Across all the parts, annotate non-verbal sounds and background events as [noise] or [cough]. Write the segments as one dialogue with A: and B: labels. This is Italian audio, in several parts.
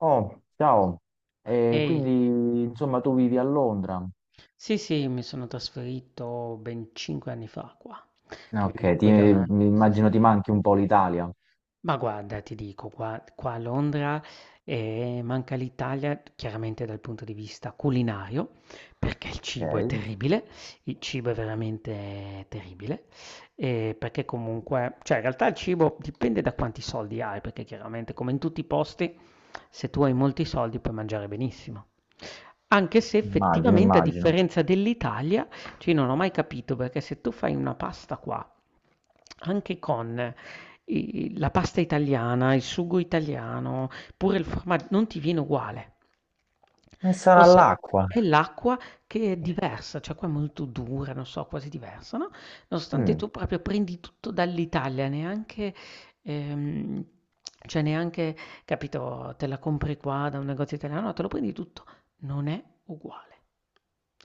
A: Oh, ciao. E
B: Ehi,
A: quindi, insomma, tu vivi a Londra.
B: sì, sì, mi sono trasferito ben 5 anni fa qua,
A: Ah,
B: che venivo
A: ok,
B: poi da una.
A: mi
B: Sì,
A: immagino
B: sì,
A: ti manchi un po' l'Italia.
B: ma guarda, ti dico, qua a Londra manca l'Italia chiaramente dal punto di vista culinario, perché il cibo è
A: Ok,
B: terribile, il cibo è veramente terribile, perché comunque, cioè in realtà il cibo dipende da quanti soldi hai, perché chiaramente come in tutti i posti, se tu hai molti soldi puoi mangiare benissimo. Anche se
A: immagino,
B: effettivamente a
A: immagino.
B: differenza dell'Italia, cioè io non ho mai capito perché se tu fai una pasta qua, anche con i la pasta italiana, il sugo italiano, pure il forma non ti viene uguale.
A: E sarà
B: Forse
A: l'acqua.
B: è l'acqua che è diversa, cioè qua è molto dura, non so, quasi diversa, no, nonostante
A: Mm.
B: tu proprio prendi tutto dall'Italia, neanche ehm, cioè neanche, capito, te la compri qua da un negozio italiano, no, te lo prendi tutto, non è uguale.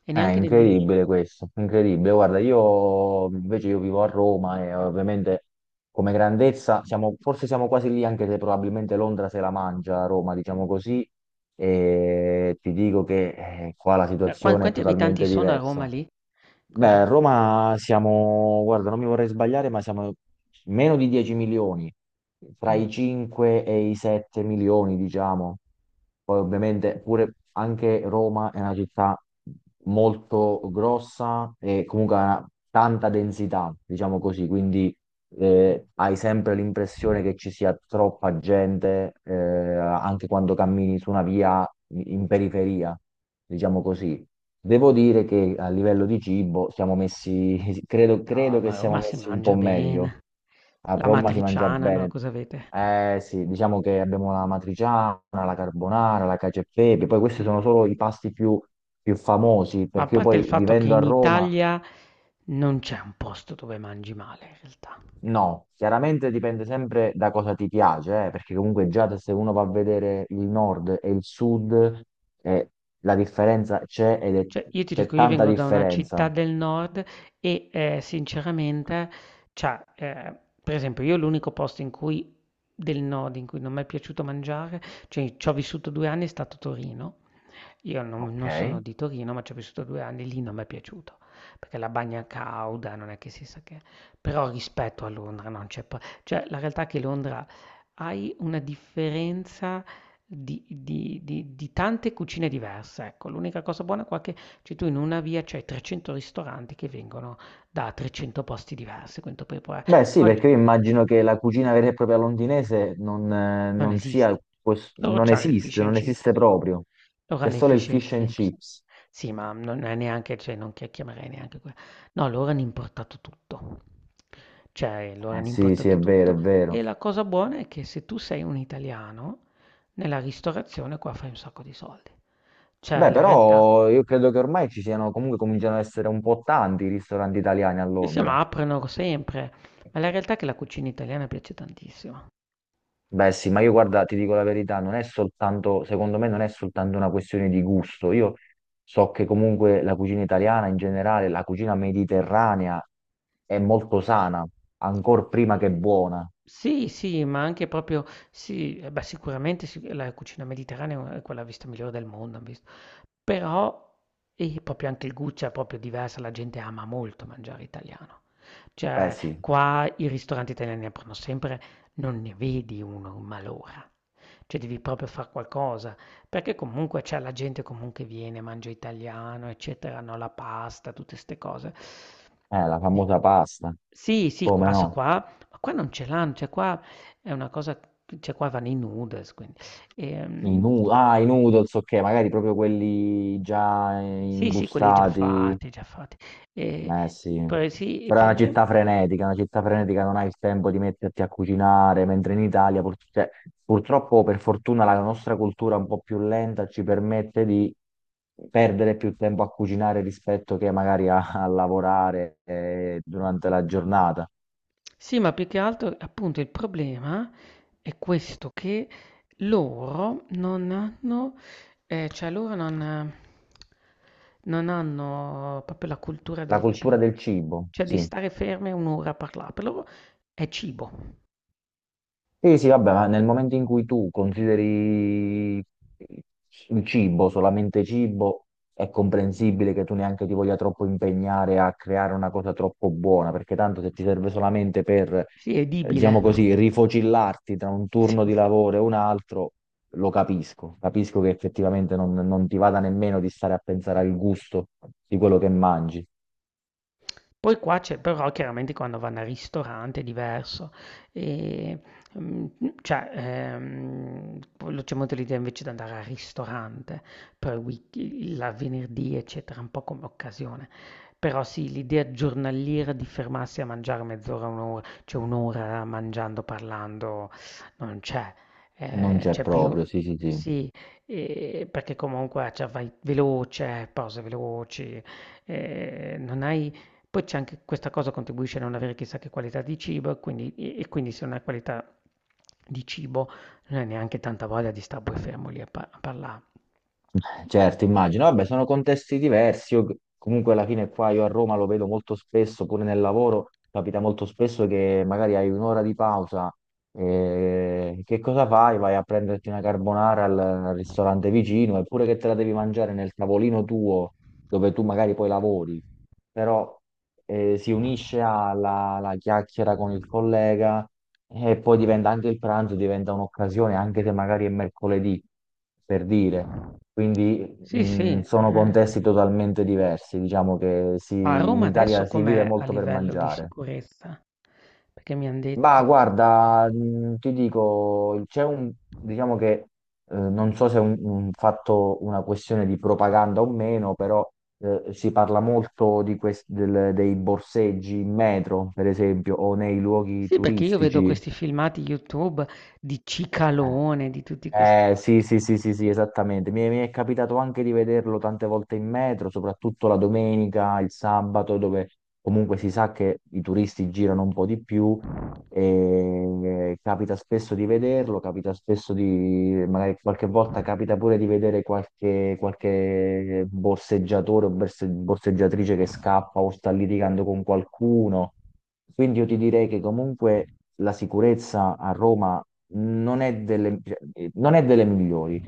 B: E
A: È
B: neanche nel mil,
A: incredibile questo, incredibile. Guarda, io invece io vivo a Roma e ovviamente come grandezza siamo, forse siamo quasi lì, anche se probabilmente Londra se la mangia, Roma, diciamo così, e ti dico che qua la
B: cioè, quan
A: situazione è
B: quanti abitanti
A: totalmente
B: sono a Roma
A: diversa.
B: lì?
A: Beh,
B: Quanti
A: a Roma siamo, guarda, non mi vorrei sbagliare, ma siamo meno di 10 milioni, tra
B: mh,
A: i 5 e i 7 milioni, diciamo. Poi ovviamente pure anche Roma è una città molto grossa e comunque ha tanta densità, diciamo così, quindi hai sempre l'impressione che ci sia troppa gente, anche quando cammini su una via in periferia, diciamo così. Devo dire che a livello di cibo siamo messi, [laughs] credo,
B: no,
A: credo
B: ma
A: che
B: a
A: siamo
B: Roma si
A: messi un po'
B: mangia
A: meglio.
B: bene.
A: A Roma si mangia
B: L'amatriciana, no,
A: bene.
B: cosa avete?
A: Eh sì, diciamo che abbiamo la matriciana, la carbonara, la cacio e pepe, poi questi
B: Mh.
A: sono solo i pasti più famosi,
B: Ma a
A: perché io
B: parte il
A: poi
B: fatto che
A: vivendo a
B: in
A: Roma.
B: Italia non c'è un posto dove mangi male in realtà.
A: No, chiaramente dipende sempre da cosa ti piace, perché comunque già se uno va a vedere il nord e il sud, eh, la differenza c'è,
B: Cioè io ti
A: c'è
B: dico, io
A: tanta
B: vengo da una città
A: differenza.
B: del nord e, sinceramente, cioè, per esempio io l'unico posto in cui del nord in cui non m'è piaciuto mangiare, cioè c'ho vissuto 2 anni, è stato Torino. Io non
A: Ok.
B: non sono di Torino, ma ci ho vissuto 2 anni, lì non m'è piaciuto, perché la bagna cauda, non è che si sa che, però rispetto a Londra non c'è pa cioè la realtà è che Londra hai una differenza di tante cucine diverse, ecco. L'unica cosa buona qua è che, cioè, tu in una via c'hai 300 ristoranti che vengono da 300 posti diversi, quindi tu puoi provare
A: Beh sì,
B: oggi.
A: perché io immagino che la cucina vera e propria londinese non,
B: Non
A: non sia,
B: esiste. Loro
A: non
B: c'hanno il fish
A: esiste,
B: and
A: non esiste
B: chips.
A: proprio.
B: Loro
A: C'è
B: hanno il
A: solo il
B: fish and
A: fish and
B: chips.
A: chips.
B: Sì, ma non è neanche, cioè non che chiamerei neanche quello. No, loro hanno importato tutto. Cioè, loro hanno
A: Sì, sì,
B: importato
A: è vero, è
B: tutto. E
A: vero.
B: la cosa buona è che se tu sei un italiano, nella ristorazione qua fai un sacco di soldi. Cioè,
A: Beh,
B: la realtà,
A: però io credo che ormai ci siano, comunque cominciano ad essere un po' tanti i ristoranti italiani a
B: sì, sì,
A: Londra.
B: ma aprono sempre. Ma la realtà è che la cucina italiana piace tantissimo.
A: Beh sì, ma io guarda, ti dico la verità, non è soltanto, secondo me non è soltanto una questione di gusto. Io so che comunque la cucina italiana in generale, la cucina mediterranea è molto sana, ancor prima che
B: Sì.
A: buona.
B: Sì, sì, ma anche proprio sì, eh beh, sicuramente sic la cucina mediterranea è quella vista migliore del mondo, han visto. Però e proprio anche il gusto è proprio diversa, la gente ama molto mangiare italiano.
A: Beh
B: Cioè,
A: sì,
B: qua i ristoranti italiani aprono sempre, non ne vedi uno, ma l'ora. Cioè, devi proprio far qualcosa. Perché comunque c'è la gente comunque viene, mangia italiano, eccetera, no, la pasta, tutte ste cose.
A: la
B: Di-
A: famosa pasta,
B: Sì, sì,
A: come
B: qua, so
A: no?
B: qua, ma qua non ce l'hanno, cioè qua è una cosa, cioè qua vanno i noodles, quindi.
A: I
B: Ehm,
A: nu- ah, i noodles, ok, magari proprio quelli già
B: sì, sì, quelli già
A: imbustati.
B: fatti, già fatti. E,
A: Eh sì,
B: poi sì, il
A: però è
B: problema.
A: una città frenetica non hai il tempo di metterti a cucinare, mentre in Italia cioè, purtroppo per fortuna la nostra cultura un po' più lenta ci permette di perdere più tempo a cucinare rispetto che magari a, lavorare durante la giornata.
B: Sì, ma più che altro, appunto, il problema è questo, che loro non hanno, cioè loro non hanno proprio la cultura
A: La
B: del
A: cultura
B: cibo,
A: del cibo,
B: cioè di
A: sì.
B: stare ferme un'ora a parlare, per loro è cibo,
A: Sì, sì, vabbè, ma nel momento in cui tu consideri il cibo solamente cibo, è comprensibile che tu neanche ti voglia troppo impegnare a creare una cosa troppo buona, perché tanto se ti serve solamente per,
B: sì, è edibile.
A: diciamo così, rifocillarti tra un turno di
B: [laughs]
A: lavoro e un altro, lo capisco. Capisco che effettivamente non, non ti vada nemmeno di stare a pensare al gusto di quello che mangi.
B: Poi qua c'è però chiaramente quando vanno al ristorante è diverso, e, mm, cioè quello c'è molto l'idea invece di andare al ristorante per il venerdì eccetera, un po' come occasione. Però sì, l'idea giornaliera di fermarsi a mangiare mezz'ora, un'ora, cioè un'ora mangiando, parlando, non c'è.
A: Non
B: Eh,
A: c'è
B: c'è più,
A: proprio, sì, sì, sì.
B: sì, perché comunque, cioè, vai veloce, pause veloci, non hai, poi c'è anche questa cosa contribuisce a non avere chissà che qualità di cibo, e quindi, e quindi se non hai qualità di cibo non hai neanche tanta voglia di stare poi fermo lì a, a parlare.
A: Certo, immagino. Vabbè, sono contesti diversi. Io, comunque alla fine qua io a Roma lo vedo molto spesso, pure nel lavoro, capita molto spesso che magari hai un'ora di pausa. Che cosa fai? Vai a prenderti una carbonara al, ristorante vicino, eppure che te la devi mangiare nel tavolino tuo, dove tu magari poi lavori. Però si unisce alla chiacchiera con il collega e poi diventa anche il pranzo, diventa un'occasione, anche se magari è mercoledì, per dire. Quindi
B: Sì, sì.
A: sono
B: Eh.
A: contesti totalmente diversi, diciamo che
B: A
A: in
B: Roma adesso
A: Italia si vive
B: com'è a
A: molto per
B: livello di
A: mangiare.
B: sicurezza? Perché mi hanno detto
A: Ma
B: la stazione.
A: guarda, ti dico, c'è un, diciamo che non so se è un fatto, una questione di propaganda o meno, però si parla molto di dei borseggi in metro, per esempio, o nei luoghi
B: Sì, perché io vedo
A: turistici.
B: questi filmati YouTube di
A: Eh,
B: Cicalone, di tutti questi.
A: Eh, sì, sì, sì, sì, sì, esattamente. Mi è capitato anche di vederlo tante volte in metro, soprattutto la domenica, il sabato, dove comunque si sa che i turisti girano un po' di più. E capita spesso di vederlo, capita spesso di, magari qualche volta capita pure di vedere qualche borseggiatore o borseggiatrice che scappa o sta litigando con qualcuno. Quindi io ti direi che comunque la sicurezza a Roma non è delle, cioè, non è delle migliori,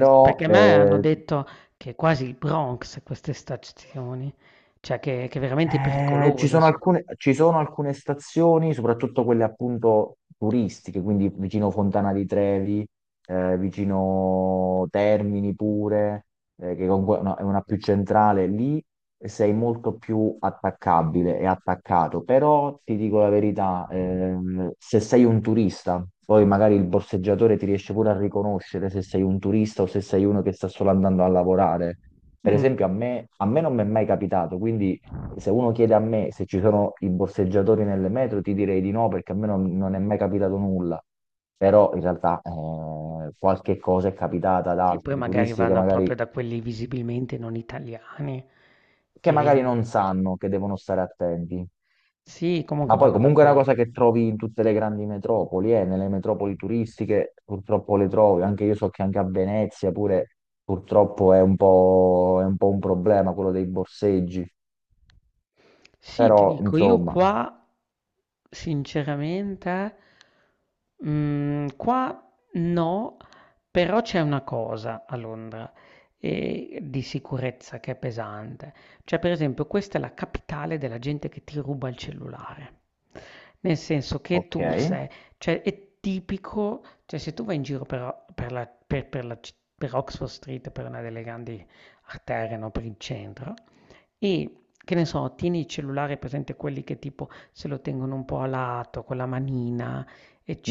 B: Sì, perché a me hanno
A: eh.
B: detto che è quasi il Bronx queste stazioni, cioè che veramente
A: Ci
B: pericolose
A: sono
B: sono.
A: alcune, ci sono alcune stazioni, soprattutto quelle appunto turistiche, quindi vicino Fontana di Trevi, vicino Termini pure, che comunque è una più centrale, lì sei molto più attaccabile e attaccato, però ti dico la verità, se sei un turista, poi magari il borseggiatore ti riesce pure a riconoscere se sei un turista o se sei uno che sta solo andando a lavorare. Per
B: Mm.
A: esempio, a me non mi è mai capitato, quindi se uno chiede a me se ci sono i borseggiatori nelle metro, ti direi di no, perché a me non è mai capitato nulla. Però in realtà qualche cosa è capitata ad
B: Sì, poi
A: altri
B: magari
A: turisti che
B: vanno proprio
A: magari,
B: da quelli visibilmente non italiani,
A: che
B: che
A: magari non sanno che devono stare attenti.
B: sì, comunque
A: Ma poi
B: vanno da
A: comunque è una
B: quelli.
A: cosa che trovi in tutte le grandi metropoli, nelle metropoli turistiche purtroppo le trovi, anche io so che anche a Venezia pure purtroppo è un po' un problema quello dei borseggi,
B: Sì, ti
A: però
B: dico, io
A: insomma,
B: qua, sinceramente, qua no, però c'è una cosa a Londra, di sicurezza che è pesante. Cioè, per esempio, questa è la capitale della gente che ti ruba il cellulare. Nel senso che
A: ok.
B: tu sei, cioè, è tipico, cioè, se tu vai in giro per Oxford Street, per una delle grandi arterie, no, per il centro, e che ne so, tieni il cellulare, presente quelli che tipo se lo tengono un po' a lato, con la manina,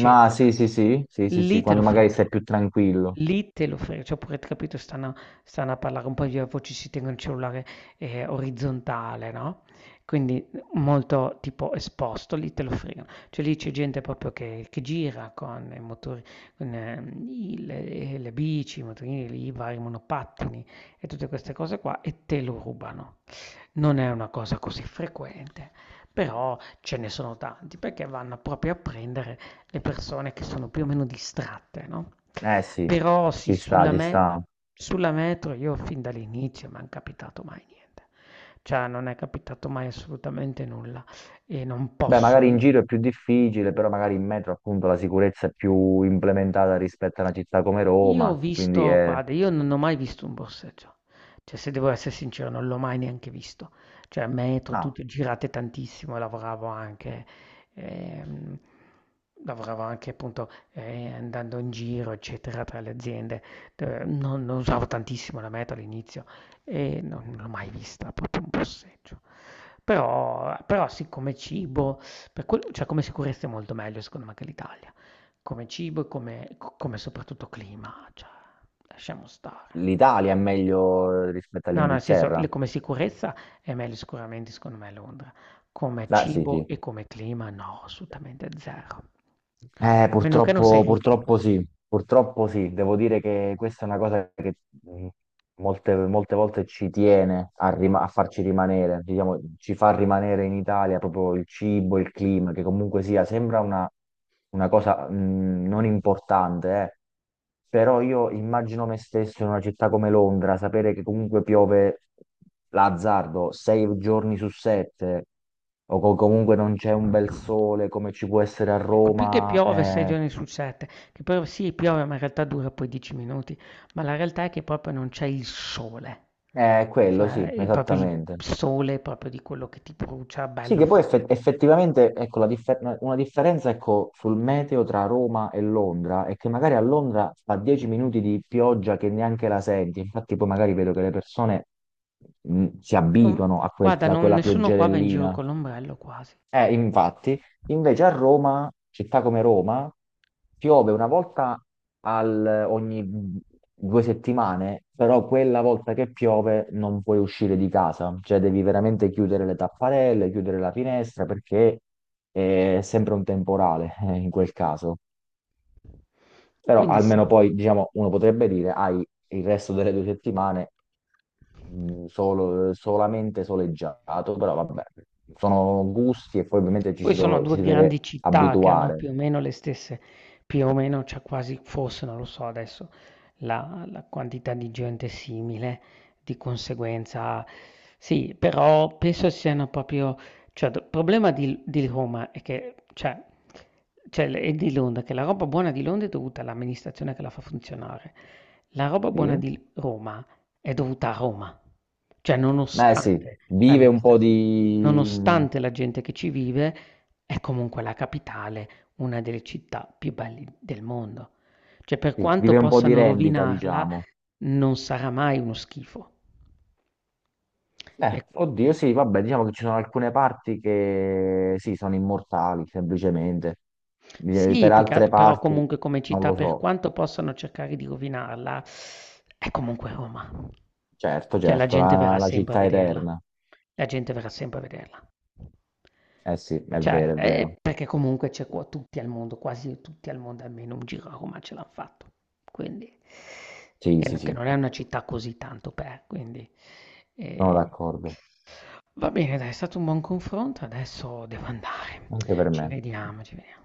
A: Ma sì, sì, sì, sì, sì, sì,
B: Lì te lo
A: quando magari sei
B: fregano.
A: più tranquillo.
B: Lì te lo fregano. Cioè, oppure, capito, stanno a parlare un po' di voci, si tengono il cellulare orizzontale, no? Quindi molto tipo esposto, lì te lo fregano. Cioè lì c'è gente proprio che gira con i motori, con le bici, i motorini, i vari monopattini e tutte queste cose qua, e te lo rubano. Non è una cosa così frequente, però ce ne sono tanti perché vanno proprio a prendere le persone che sono più o meno distratte, no?
A: Eh sì,
B: Però sì,
A: ci sta,
B: sulla,
A: ci
B: me-
A: sta.
B: sulla metro io fin dall'inizio mi è capitato mai niente, cioè non è capitato mai assolutamente nulla e non
A: Beh,
B: posso.
A: magari in giro è più difficile, però magari in metro appunto la sicurezza è più implementata rispetto a una città come
B: Io
A: Roma,
B: ho
A: quindi
B: visto,
A: è...
B: guarda, io non ho mai visto un borseggio, cioè se devo essere sincero non l'ho mai neanche visto, cioè metro,
A: Ah,
B: tutto, girate tantissimo, e lavoravo anche, ehm, appunto andando in giro, eccetera, tra le aziende. Non usavo tantissimo la metro all'inizio e non l'ho mai vista, proprio un borseggio. Però sì, come cibo, cioè come sicurezza è molto meglio secondo me che l'Italia, come cibo e come soprattutto clima, cioè lasciamo stare.
A: l'Italia è meglio rispetto
B: No, no, nel senso,
A: all'Inghilterra.
B: come sicurezza è meglio sicuramente secondo me Londra, come
A: Ah, sì,
B: cibo
A: sì.
B: e come clima no, assolutamente zero. A meno che non sei
A: Purtroppo,
B: ricco.
A: purtroppo sì, devo dire che questa è una cosa che mh, molte volte ci tiene a, farci rimanere, diciamo, ci fa rimanere in Italia proprio il cibo, il clima, che comunque sia, sembra una cosa non importante, eh. Però io immagino me stesso in una città come Londra, sapere che comunque piove l'azzardo sei giorni su sette, o comunque non c'è un bel sole come ci può essere a
B: Ecco, più che
A: Roma,
B: piove sei giorni su sette, che poi sì piove ma in realtà dura poi 10 minuti, ma la realtà è che proprio non c'è il sole.
A: è quello, sì,
B: Cioè, proprio il
A: esattamente.
B: sole, proprio di quello che ti brucia
A: Sì,
B: bello
A: che poi
B: forte.
A: effettivamente ecco, una differenza ecco, sul meteo tra Roma e Londra è che magari a Londra fa 10 minuti di pioggia che neanche la senti, infatti poi magari vedo che le persone si
B: Non
A: abituano a quel-
B: Guarda,
A: a
B: non
A: quella
B: nessuno qua va in giro
A: pioggerellina.
B: con l'ombrello quasi,
A: Infatti, invece a Roma, città come Roma, piove una volta ogni due settimane, però quella volta che piove non puoi uscire di casa, cioè devi veramente chiudere le tapparelle, chiudere la finestra perché è sempre un temporale in quel caso. Però
B: quindi sì.
A: almeno poi, diciamo, uno potrebbe dire, hai il resto delle due settimane solamente soleggiato, però vabbè, sono gusti e poi ovviamente ci
B: Poi
A: si,
B: sono
A: do-
B: 2
A: ci si deve
B: grandi città che hanno
A: abituare,
B: più o meno le stesse, più o meno, cioè quasi forse, non lo so adesso, la quantità di gente è simile, di conseguenza sì, però penso siano proprio, cioè il problema di Roma è che, cioè e di Londra, che la roba buona di Londra è dovuta all'amministrazione che la fa funzionare. La roba buona
A: sì.
B: di Roma è dovuta a Roma, cioè
A: Eh sì,
B: nonostante
A: vive un po'
B: l'amministrazione,
A: di,
B: nonostante la gente che ci vive, è comunque la capitale, una delle città più belle del mondo. Cioè, per
A: sì,
B: quanto
A: vive un po' di
B: possano
A: rendita,
B: rovinarla,
A: diciamo.
B: non sarà mai uno schifo. E-
A: Oddio, sì, vabbè, diciamo che ci sono alcune parti che sì, sono immortali, semplicemente.
B: Sì,
A: Per altre
B: però
A: parti
B: comunque come
A: non
B: città,
A: lo
B: per
A: so.
B: quanto possano cercare di rovinarla, è comunque Roma.
A: Certo,
B: Cioè, la
A: certo,
B: gente
A: la,
B: verrà
A: la
B: sempre a
A: città
B: vederla.
A: eterna.
B: La gente verrà sempre a vederla.
A: Eh sì, è
B: Cioè,
A: vero, è vero.
B: perché comunque c'è qua tutti al mondo, quasi tutti al mondo, almeno un giro a Roma ce l'hanno fatto. Quindi,
A: Sì,
B: che,
A: sì,
B: n- che
A: sì,
B: non è una città così tanto per, quindi...
A: sono
B: eh.
A: d'accordo.
B: Va bene, dai, è stato un buon confronto, adesso devo andare.
A: Anche per
B: Ci
A: me.
B: vediamo, ci vediamo.